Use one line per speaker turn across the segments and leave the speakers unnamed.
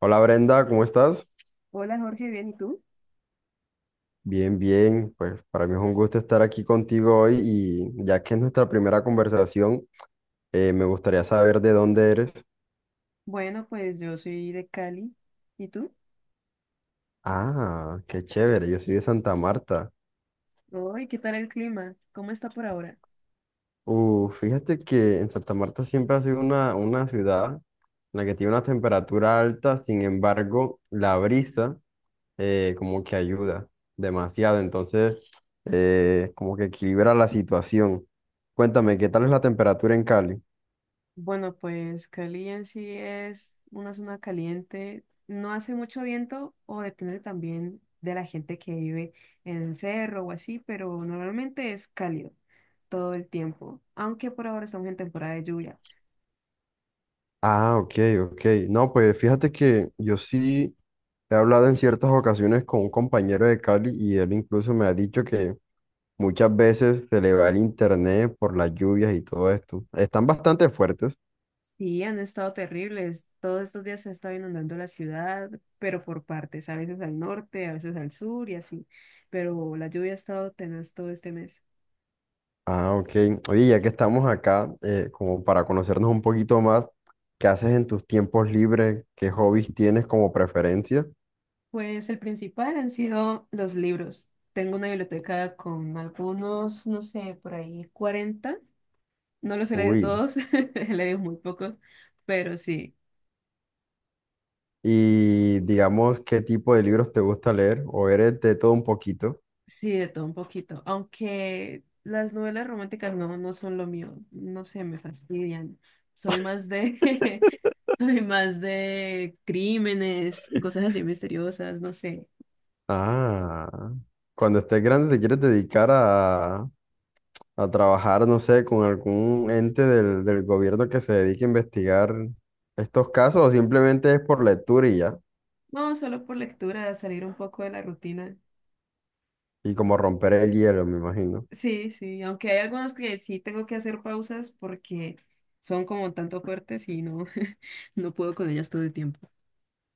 Hola Brenda, ¿cómo estás?
Hola Jorge, bien, ¿y tú?
Bien, bien, pues para mí es un gusto estar aquí contigo hoy y ya que es nuestra primera conversación, me gustaría saber de dónde eres.
Bueno, pues yo soy de Cali. ¿Y tú?
Ah, qué chévere, yo soy de Santa Marta.
Hoy, ¿qué tal el clima? ¿Cómo está por ahora?
Fíjate que en Santa Marta siempre ha sido una ciudad en la que tiene una temperatura alta. Sin embargo, la brisa como que ayuda demasiado, entonces como que equilibra la situación. Cuéntame, ¿qué tal es la temperatura en Cali?
Bueno, pues Cali en sí es una zona caliente. No hace mucho viento o depende también de la gente que vive en el cerro o así, pero normalmente es cálido todo el tiempo, aunque por ahora estamos en temporada de lluvia.
Ah, ok, ok. No, pues fíjate que yo sí he hablado en ciertas ocasiones con un compañero de Cali y él incluso me ha dicho que muchas veces se le va el internet por las lluvias y todo esto. Están bastante fuertes.
Sí, han estado terribles. Todos estos días se ha estado inundando la ciudad, pero por partes, a veces al norte, a veces al sur y así. Pero la lluvia ha estado tenaz todo este mes.
Ah, ok. Oye, ya que estamos acá, como para conocernos un poquito más, ¿qué haces en tus tiempos libres? ¿Qué hobbies tienes como preferencia?
Pues el principal han sido los libros. Tengo una biblioteca con algunos, no sé, por ahí 40. No los he leído
Uy.
todos, he leído muy pocos, pero sí.
Y digamos, ¿qué tipo de libros te gusta leer? ¿O eres de todo un poquito?
Sí, de todo un poquito. Aunque las novelas románticas no son lo mío. No sé, me fastidian. Soy más de, soy más de crímenes, cosas así misteriosas, no sé.
Ah, cuando estés grande te quieres dedicar a trabajar, no sé, con algún ente del gobierno que se dedique a investigar estos casos o simplemente es por lectura y ya,
No, solo por lectura, salir un poco de la rutina.
y como romper el hielo, me imagino.
Sí, sí, aunque hay algunos que sí tengo que hacer pausas porque son como tanto fuertes y no, no puedo con ellas todo el tiempo.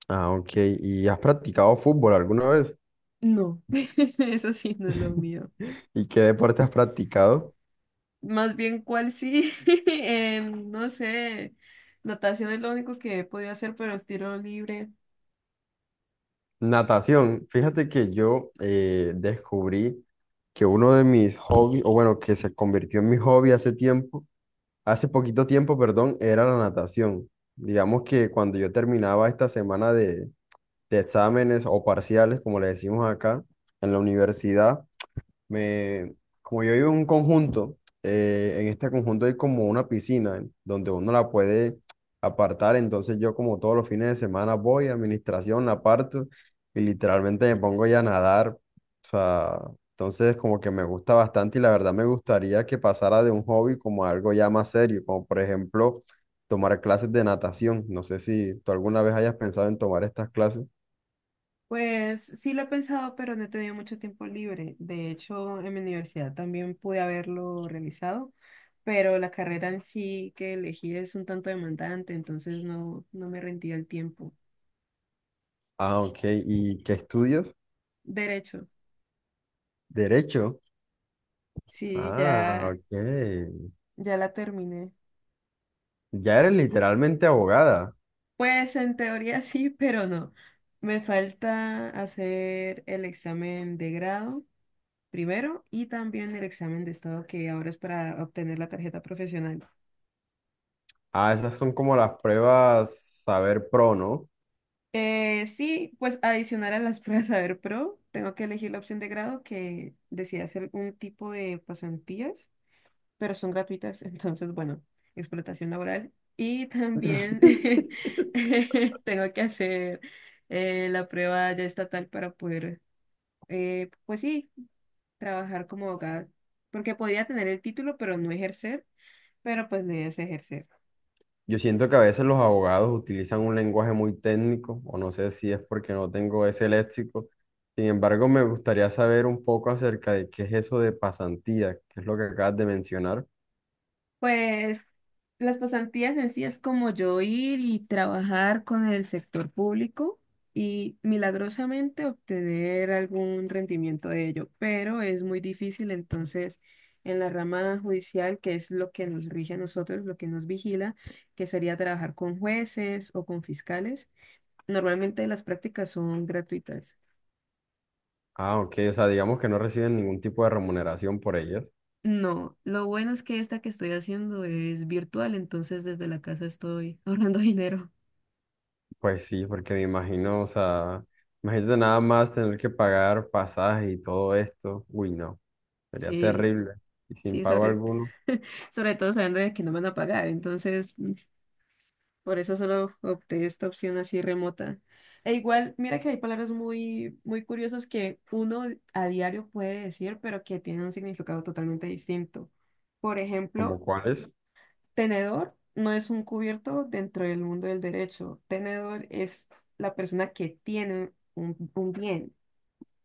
Ah, ok. ¿Y has practicado fútbol alguna vez?
No, eso sí no es lo mío.
¿Y qué deporte has practicado?
Más bien, ¿cuál sí? No sé, natación es lo único que he podido hacer, pero estilo libre.
Natación. Fíjate que yo descubrí que uno de mis hobbies, o bueno, que se convirtió en mi hobby hace tiempo, hace poquito tiempo, perdón, era la natación. Digamos que cuando yo terminaba esta semana de exámenes o parciales, como le decimos acá, en la universidad, me, como yo vivo en un conjunto, en este conjunto hay como una piscina donde uno la puede apartar, entonces yo como todos los fines de semana voy a administración, la aparto y literalmente me pongo ya a nadar, o sea, entonces como que me gusta bastante y la verdad me gustaría que pasara de un hobby como a algo ya más serio, como por ejemplo tomar clases de natación. No sé si tú alguna vez hayas pensado en tomar estas clases.
Pues sí lo he pensado, pero no he tenido mucho tiempo libre. De hecho, en mi universidad también pude haberlo realizado, pero la carrera en sí que elegí es un tanto demandante, entonces no me rendía el tiempo.
Ah, ok, ¿y qué estudias?
Derecho,
Derecho.
sí,
Ah,
ya,
ok.
ya la terminé.
Ya eres literalmente abogada.
Pues en teoría sí, pero no. Me falta hacer el examen de grado primero y también el examen de estado que ahora es para obtener la tarjeta profesional.
Ah, esas son como las pruebas Saber Pro, ¿no?
Sí, pues adicional a las pruebas Saber Pro, tengo que elegir la opción de grado que decía hacer un tipo de pasantías, pero son gratuitas, entonces, bueno, explotación laboral. Y también tengo que hacer la prueba ya estatal para poder, pues sí, trabajar como abogada, porque podría tener el título, pero no ejercer, pero pues la idea es ejercer.
Yo siento que a veces los abogados utilizan un lenguaje muy técnico, o no sé si es porque no tengo ese léxico. Sin embargo, me gustaría saber un poco acerca de qué es eso de pasantía, que es lo que acabas de mencionar.
Pues las pasantías en sí es como yo ir y trabajar con el sector público y milagrosamente obtener algún rendimiento de ello, pero es muy difícil entonces en la rama judicial, que es lo que nos rige a nosotros, lo que nos vigila, que sería trabajar con jueces o con fiscales. Normalmente las prácticas son gratuitas.
Ah, ok, o sea, digamos que no reciben ningún tipo de remuneración por ellas.
No, lo bueno es que esta que estoy haciendo es virtual, entonces desde la casa estoy ahorrando dinero.
Pues sí, porque me imagino, o sea, imagínate nada más tener que pagar pasaje y todo esto. Uy, no. Sería
Sí.
terrible. Y sin
Sí,
pago
sobre,
alguno.
sobre todo sabiendo de que no me van a pagar. Entonces, por eso solo opté esta opción así remota. E igual, mira que hay palabras muy, muy curiosas que uno a diario puede decir, pero que tienen un significado totalmente distinto. Por
¿Como
ejemplo,
cuáles?
tenedor no es un cubierto dentro del mundo del derecho. Tenedor es la persona que tiene un, un bien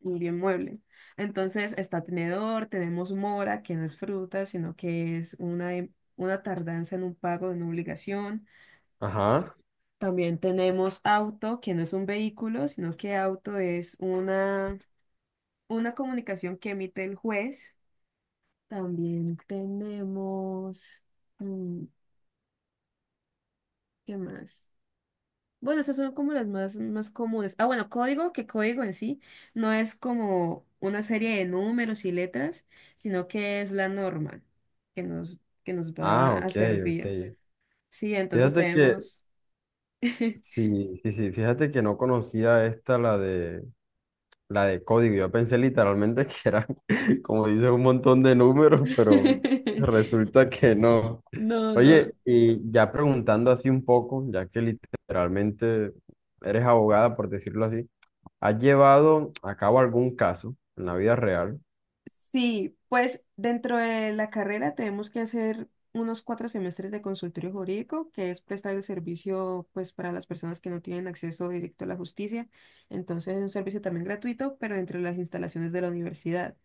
un bien mueble. Entonces está tenedor, tenemos mora, que no es fruta, sino que es una, una tardanza en un pago en una obligación.
Ajá.
También tenemos auto, que no es un vehículo, sino que auto es una comunicación que emite el juez. También tenemos, mm, ¿qué más? Bueno, esas son como las más comunes. Ah, bueno, código, que código en sí no es como una serie de números y letras, sino que es la norma que nos
Ah,
va a
ok,
servir.
ok.
Sí, entonces
Fíjate que,
tenemos...
sí, sí, sí, fíjate que no conocía esta, la de código. Yo pensé literalmente que era, como dice, un montón de números, pero resulta que no.
No, no.
Oye, y ya preguntando así un poco, ya que literalmente eres abogada, por decirlo así, ¿has llevado a cabo algún caso en la vida real?
Sí, pues dentro de la carrera tenemos que hacer unos 4 semestres de consultorio jurídico, que es prestar el servicio pues para las personas que no tienen acceso directo a la justicia. Entonces es un servicio también gratuito, pero dentro de las instalaciones de la universidad.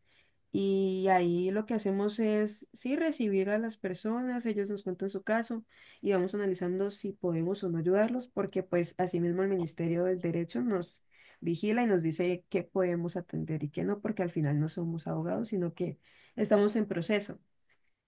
Y ahí lo que hacemos es, sí, recibir a las personas, ellos nos cuentan su caso y vamos analizando si podemos o no ayudarlos, porque pues asimismo el Ministerio del Derecho nos vigila y nos dice qué podemos atender y qué no, porque al final no somos abogados, sino que estamos en proceso.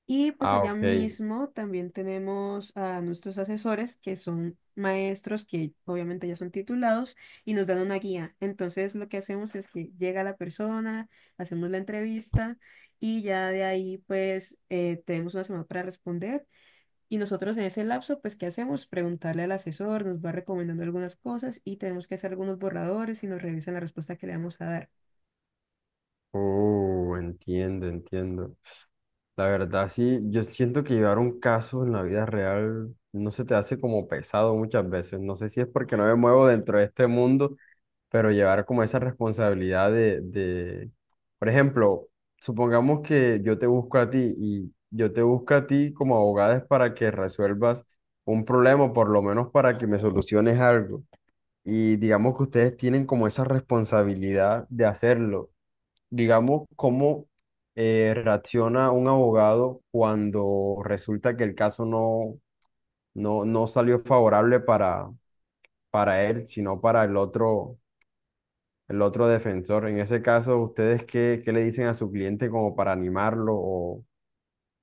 Y pues
Ah,
allá
ok.
mismo también tenemos a nuestros asesores, que son maestros que obviamente ya son titulados y nos dan una guía. Entonces lo que hacemos es que llega la persona, hacemos la entrevista y ya de ahí pues tenemos una semana para responder. Y nosotros en ese lapso pues ¿qué hacemos? Preguntarle al asesor, nos va recomendando algunas cosas y tenemos que hacer algunos borradores y nos revisan la respuesta que le vamos a dar.
Oh, entiendo, entiendo. La verdad, sí, yo siento que llevar un caso en la vida real no se te hace como pesado muchas veces. No sé si es porque no me muevo dentro de este mundo, pero llevar como esa responsabilidad de... Por ejemplo, supongamos que yo te busco a ti y yo te busco a ti como abogada es para que resuelvas un problema, o por lo menos para que me soluciones algo. Y digamos que ustedes tienen como esa responsabilidad de hacerlo, digamos, cómo reacciona un abogado cuando resulta que el caso no salió favorable para él, sino para el otro defensor. En ese caso, ¿ustedes qué, qué le dicen a su cliente como para animarlo?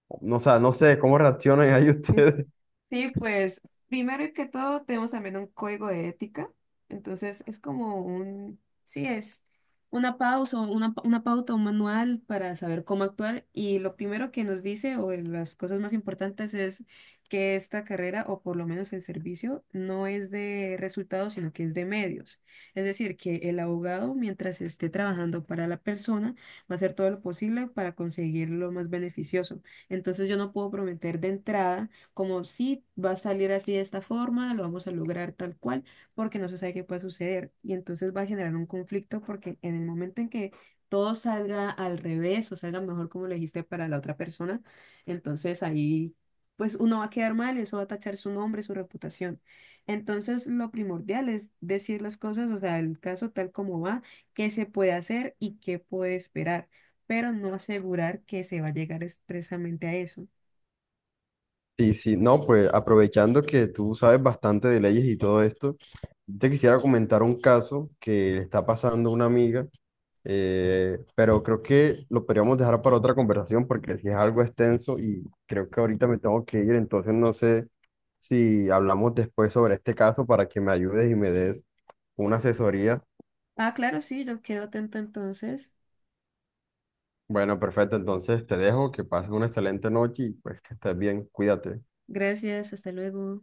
O no, o sea, no sé, ¿cómo reaccionan ahí ustedes?
Sí, pues primero que todo tenemos también un código de ética, entonces es como un, sí, es una pausa, una, pa- una pauta, un manual para saber cómo actuar y lo primero que nos dice o de las cosas más importantes es que esta carrera o por lo menos el servicio no es de resultados, sino que es de medios. Es decir, que el abogado mientras esté trabajando para la persona va a hacer todo lo posible para conseguir lo más beneficioso. Entonces yo no puedo prometer de entrada como sí, va a salir así de esta forma, lo vamos a lograr tal cual, porque no se sabe qué puede suceder. Y entonces va a generar un conflicto porque en el momento en que todo salga al revés o salga mejor como lo dijiste para la otra persona, entonces ahí pues uno va a quedar mal, eso va a tachar su nombre, su reputación. Entonces lo primordial es decir las cosas, o sea, el caso tal como va, qué se puede hacer y qué puede esperar pero no asegurar que se va a llegar expresamente a eso.
Sí, sí, no, pues aprovechando que tú sabes bastante de leyes y todo esto, te quisiera comentar un caso que le está pasando a una amiga, pero creo que lo podríamos dejar para otra conversación porque si es algo extenso y creo que ahorita me tengo que ir, entonces no sé si hablamos después sobre este caso para que me ayudes y me des una asesoría.
Ah, claro, sí, yo quedo atenta entonces.
Bueno, perfecto, entonces te dejo, que pases una excelente noche y pues que estés bien, cuídate.
Gracias, hasta luego.